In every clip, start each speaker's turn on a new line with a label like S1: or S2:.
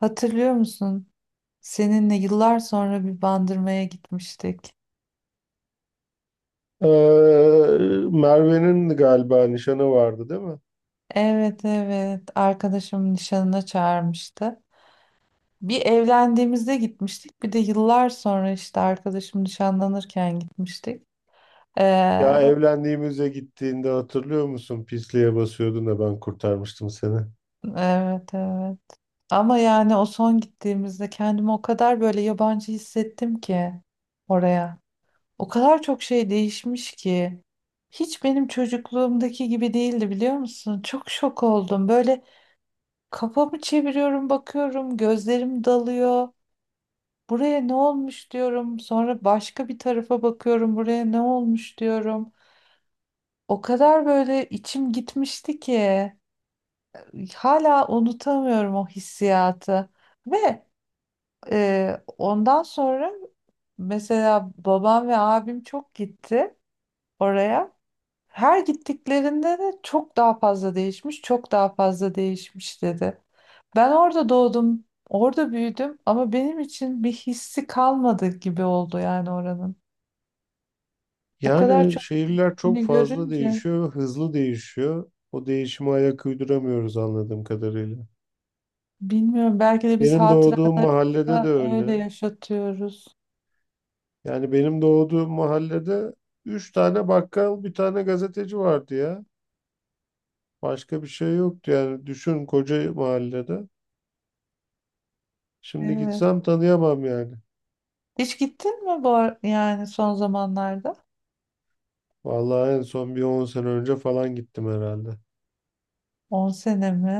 S1: Hatırlıyor musun? Seninle yıllar sonra bir bandırmaya gitmiştik.
S2: Ee, Merve'nin galiba nişanı vardı değil mi?
S1: Evet evet arkadaşımın nişanına çağırmıştı. Bir evlendiğimizde gitmiştik bir de yıllar sonra işte arkadaşım nişanlanırken gitmiştik. Ee,
S2: Ya evlendiğimize gittiğinde hatırlıyor musun? Pisliğe basıyordun da ben kurtarmıştım seni.
S1: evet evet ama yani o son gittiğimizde kendimi o kadar böyle yabancı hissettim ki oraya. O kadar çok şey değişmiş ki. Hiç benim çocukluğumdaki gibi değildi biliyor musun? Çok şok oldum. Böyle kafamı çeviriyorum, bakıyorum, gözlerim dalıyor. Buraya ne olmuş diyorum. Sonra başka bir tarafa bakıyorum. Buraya ne olmuş diyorum. O kadar böyle içim gitmişti ki hala unutamıyorum o hissiyatı. Ve ondan sonra mesela babam ve abim çok gitti oraya. Her gittiklerinde de çok daha fazla değişmiş, çok daha fazla değişmiş dedi. Ben orada doğdum, orada büyüdüm ama benim için bir hissi kalmadı gibi oldu yani oranın. O kadar
S2: Yani
S1: çok
S2: şehirler çok
S1: yeni
S2: fazla
S1: görünce
S2: değişiyor, hızlı değişiyor. O değişime ayak uyduramıyoruz anladığım kadarıyla.
S1: bilmiyorum belki de biz
S2: Benim doğduğum
S1: hatırada
S2: mahallede de öyle.
S1: öyle yaşatıyoruz.
S2: Yani benim doğduğum mahallede üç tane bakkal, bir tane gazeteci vardı ya. Başka bir şey yoktu yani. Düşün koca mahallede. Şimdi
S1: Evet.
S2: gitsem tanıyamam yani.
S1: Hiç gittin mi bu yani son zamanlarda?
S2: Vallahi en son bir 10 sene önce falan gittim herhalde.
S1: 10 sene mi?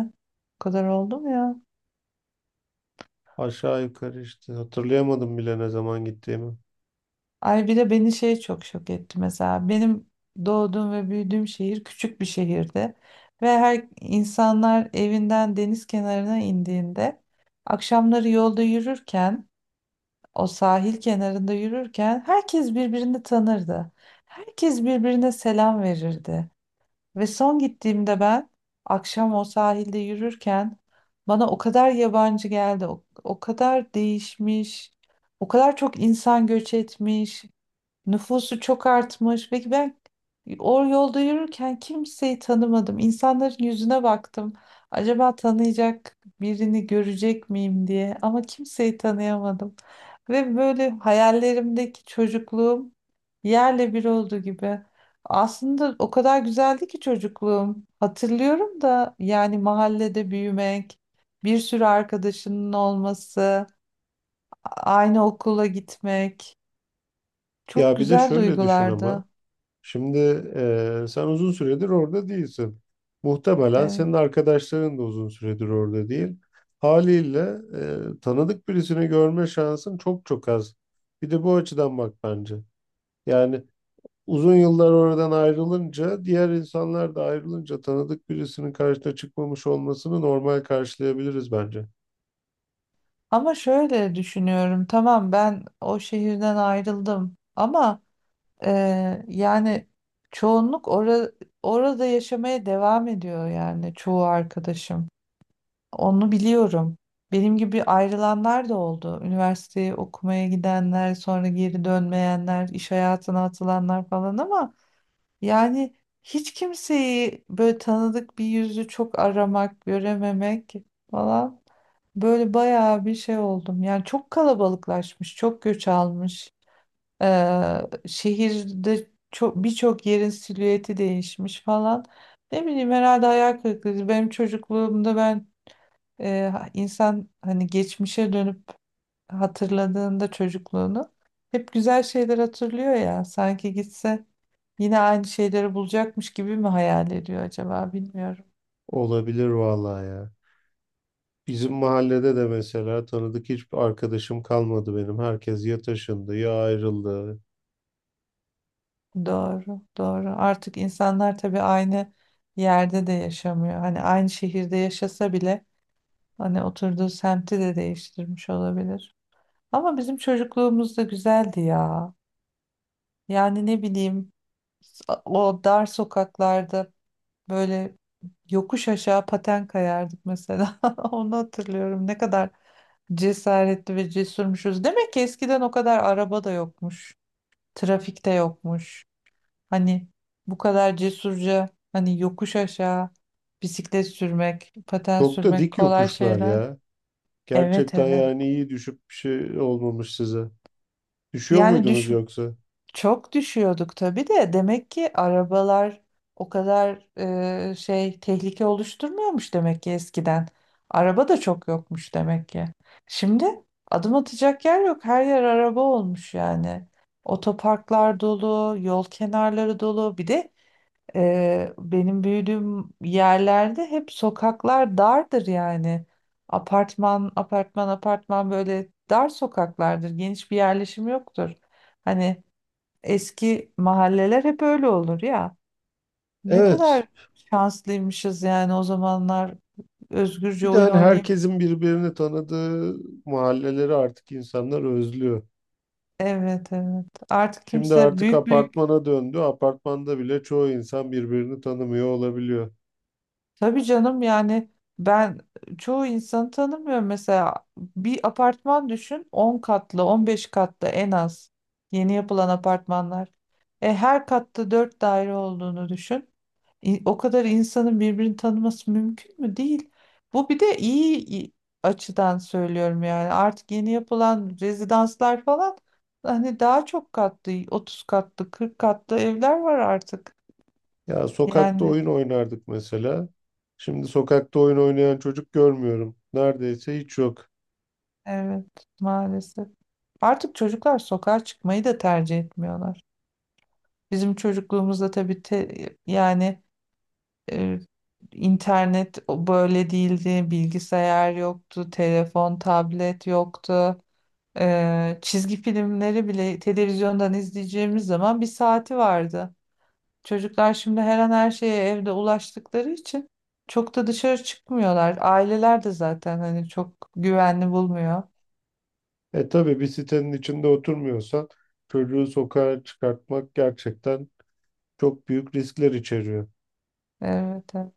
S1: O kadar oldu mu ya?
S2: Aşağı yukarı işte hatırlayamadım bile ne zaman gittiğimi.
S1: Ay bir de beni şey çok şok etti mesela. Benim doğduğum ve büyüdüğüm şehir küçük bir şehirdi. Ve her insanlar evinden deniz kenarına indiğinde akşamları yolda yürürken o sahil kenarında yürürken herkes birbirini tanırdı. Herkes birbirine selam verirdi. Ve son gittiğimde ben akşam o sahilde yürürken bana o kadar yabancı geldi. O kadar değişmiş. O kadar çok insan göç etmiş. Nüfusu çok artmış. Peki ben o yolda yürürken kimseyi tanımadım. İnsanların yüzüne baktım. Acaba tanıyacak birini görecek miyim diye ama kimseyi tanıyamadım. Ve böyle hayallerimdeki çocukluğum yerle bir oldu gibi. Aslında o kadar güzeldi ki çocukluğum. Hatırlıyorum da yani mahallede büyümek, bir sürü arkadaşının olması, aynı okula gitmek çok
S2: Ya bir de
S1: güzel
S2: şöyle düşün ama.
S1: duygulardı.
S2: Şimdi sen uzun süredir orada değilsin. Muhtemelen
S1: Evet.
S2: senin arkadaşların da uzun süredir orada değil. Haliyle tanıdık birisini görme şansın çok çok az. Bir de bu açıdan bak bence. Yani uzun yıllar oradan ayrılınca, diğer insanlar da ayrılınca tanıdık birisinin karşına çıkmamış olmasını normal karşılayabiliriz bence.
S1: Ama şöyle düşünüyorum. Tamam ben o şehirden ayrıldım. Ama e, yani çoğunluk orada yaşamaya devam ediyor yani çoğu arkadaşım. Onu biliyorum. Benim gibi ayrılanlar da oldu. Üniversiteyi okumaya gidenler, sonra geri dönmeyenler, iş hayatına atılanlar falan ama yani hiç kimseyi böyle tanıdık bir yüzü çok aramak, görememek falan böyle bayağı bir şey oldum. Yani çok kalabalıklaşmış, çok göç almış. Ee, şehirde çok birçok yerin silüeti değişmiş falan. Ne bileyim herhalde hayal kırıklığı. Benim çocukluğumda ben insan hani geçmişe dönüp hatırladığında çocukluğunu hep güzel şeyler hatırlıyor ya. Sanki gitse yine aynı şeyleri bulacakmış gibi mi hayal ediyor acaba bilmiyorum.
S2: Olabilir vallahi ya. Bizim mahallede de mesela tanıdık hiçbir arkadaşım kalmadı benim. Herkes ya taşındı ya ayrıldı.
S1: Doğru, doğru. Artık insanlar tabii aynı yerde de yaşamıyor. Hani aynı şehirde yaşasa bile hani oturduğu semti de değiştirmiş olabilir. Ama bizim çocukluğumuz da güzeldi ya. Yani ne bileyim o dar sokaklarda böyle yokuş aşağı paten kayardık mesela. Onu hatırlıyorum. Ne kadar cesaretli ve cesurmuşuz. Demek ki eskiden o kadar araba da yokmuş. Trafikte yokmuş. Hani bu kadar cesurca hani yokuş aşağı bisiklet sürmek, paten
S2: Çok da
S1: sürmek
S2: dik
S1: kolay
S2: yokuşlar
S1: şeyler.
S2: ya.
S1: Evet
S2: Gerçekten
S1: evet.
S2: yani iyi düşüp bir şey olmamış size. Düşüyor
S1: Yani
S2: muydunuz yoksa?
S1: çok düşüyorduk tabii de demek ki arabalar o kadar şey tehlike oluşturmuyormuş demek ki eskiden. Araba da çok yokmuş demek ki. Şimdi adım atacak yer yok. Her yer araba olmuş yani. Otoparklar dolu, yol kenarları dolu. Bir de benim büyüdüğüm yerlerde hep sokaklar dardır yani. Apartman, apartman, apartman böyle dar sokaklardır. Geniş bir yerleşim yoktur. Hani eski mahalleler hep öyle olur ya. Ne
S2: Evet.
S1: kadar şanslıymışız yani o zamanlar özgürce
S2: Bir de
S1: oyun
S2: hani
S1: oynayıp.
S2: herkesin birbirini tanıdığı mahalleleri artık insanlar özlüyor.
S1: Evet evet. Artık
S2: Şimdi
S1: kimse
S2: artık
S1: büyük büyük
S2: apartmana döndü. Apartmanda bile çoğu insan birbirini tanımıyor olabiliyor.
S1: tabii canım yani ben çoğu insanı tanımıyorum. Mesela bir apartman düşün 10 katlı 15 katlı en az yeni yapılan apartmanlar. E, her katta 4 daire olduğunu düşün. O kadar insanın birbirini tanıması mümkün mü? Değil. Bu bir de iyi açıdan söylüyorum yani. Artık yeni yapılan rezidanslar falan hani daha çok katlı 30 katlı 40 katlı evler var artık.
S2: Ya sokakta
S1: Yani.
S2: oyun oynardık mesela. Şimdi sokakta oyun oynayan çocuk görmüyorum. Neredeyse hiç yok.
S1: Evet, maalesef. Artık çocuklar sokağa çıkmayı da tercih etmiyorlar. Bizim çocukluğumuzda tabii yani e, internet o böyle değildi, bilgisayar yoktu, telefon, tablet yoktu. Çizgi filmleri bile televizyondan izleyeceğimiz zaman bir saati vardı. Çocuklar şimdi her an her şeye evde ulaştıkları için çok da dışarı çıkmıyorlar. Aileler de zaten hani çok güvenli bulmuyor.
S2: E tabii bir sitenin içinde oturmuyorsan çocuğu sokağa çıkartmak gerçekten çok büyük riskler içeriyor.
S1: Evet. Evet.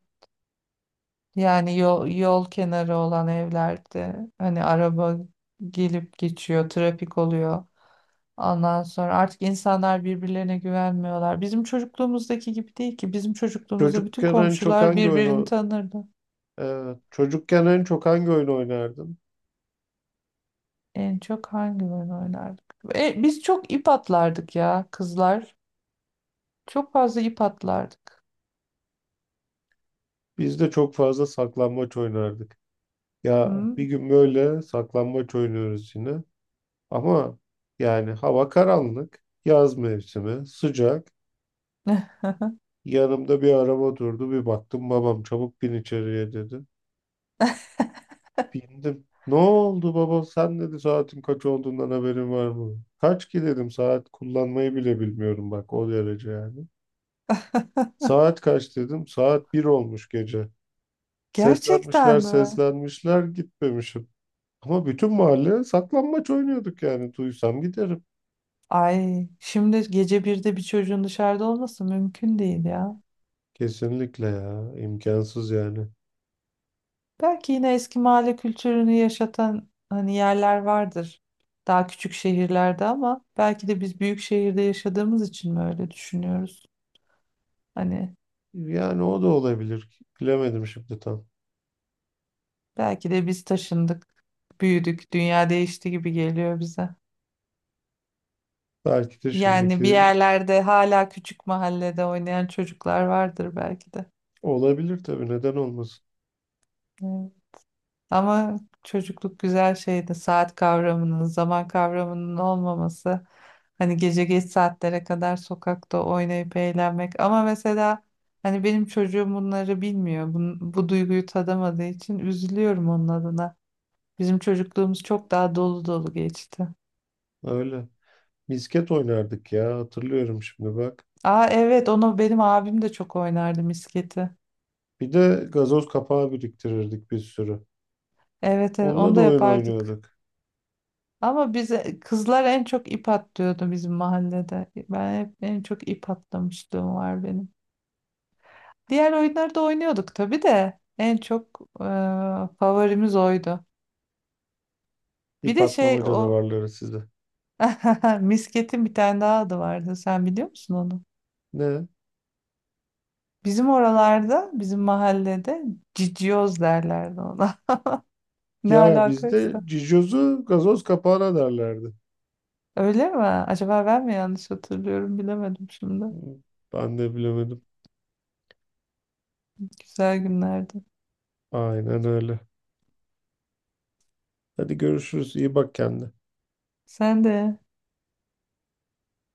S1: Yani yol kenarı olan evlerde hani araba gelip geçiyor, trafik oluyor. Ondan sonra artık insanlar birbirlerine güvenmiyorlar. Bizim çocukluğumuzdaki gibi değil ki. Bizim çocukluğumuzda bütün
S2: Çocukken en çok
S1: komşular
S2: hangi
S1: birbirini
S2: oyunu
S1: tanırdı.
S2: e, çocukken en çok hangi oyun oynardın?
S1: En çok hangi oyun oynardık? Biz çok ip atlardık ya kızlar. Çok fazla ip atlardık.
S2: Biz de çok fazla saklambaç oynardık. Ya
S1: Hı?
S2: bir gün böyle saklambaç oynuyoruz yine. Ama yani hava karanlık, yaz mevsimi, sıcak. Yanımda bir araba durdu. Bir baktım babam çabuk bin içeriye dedi. Bindim. Ne oldu baba? Sen dedi saatin kaç olduğundan haberin var mı? Kaç ki dedim saat kullanmayı bile bilmiyorum bak o derece yani. Saat kaç dedim. Saat bir olmuş gece.
S1: Gerçekten
S2: Seslenmişler
S1: mi?
S2: seslenmişler gitmemişim. Ama bütün mahalle saklambaç oynuyorduk yani. Duysam giderim.
S1: Ay, şimdi gece birde bir çocuğun dışarıda olması mümkün değil ya.
S2: Kesinlikle ya. İmkansız yani.
S1: Belki yine eski mahalle kültürünü yaşatan hani yerler vardır. Daha küçük şehirlerde ama belki de biz büyük şehirde yaşadığımız için mi öyle düşünüyoruz? Hani
S2: Yani o da olabilir. Bilemedim şimdi tam.
S1: belki de biz taşındık, büyüdük, dünya değişti gibi geliyor bize.
S2: Belki de
S1: Yani bir
S2: şimdiki
S1: yerlerde hala küçük mahallede oynayan çocuklar vardır belki de.
S2: Olabilir tabii neden olmasın.
S1: Evet. Ama çocukluk güzel şeydi. Saat kavramının, zaman kavramının olmaması. Hani gece geç saatlere kadar sokakta oynayıp eğlenmek. Ama mesela hani benim çocuğum bunları bilmiyor. Bu duyguyu tadamadığı için üzülüyorum onun adına. Bizim çocukluğumuz çok daha dolu dolu geçti.
S2: Öyle. Misket oynardık ya hatırlıyorum şimdi bak.
S1: Aa evet onu benim abim de çok oynardı misketi.
S2: Bir de gazoz kapağı biriktirirdik bir sürü.
S1: Evet, evet
S2: Onunla
S1: onu
S2: da
S1: da
S2: oyun
S1: yapardık.
S2: oynuyorduk.
S1: Ama bize kızlar en çok ip atlıyordu bizim mahallede. Ben hep en çok ip atlamışlığım var benim. Diğer oyunları da oynuyorduk tabii de en çok favorimiz oydu. Bir
S2: İp
S1: de şey
S2: atlama
S1: o
S2: canavarları size.
S1: misketin bir tane daha adı vardı. Sen biliyor musun onu?
S2: Ne?
S1: Bizim oralarda, bizim mahallede cicioz derlerdi ona. Ne
S2: Ya bizde
S1: alakaysa.
S2: cicozu gazoz kapağına derlerdi.
S1: Öyle mi? Acaba ben mi yanlış hatırlıyorum bilemedim şimdi.
S2: Ben de bilemedim.
S1: Güzel günlerdi.
S2: Aynen öyle. Hadi görüşürüz. İyi bak kendine.
S1: Sen de.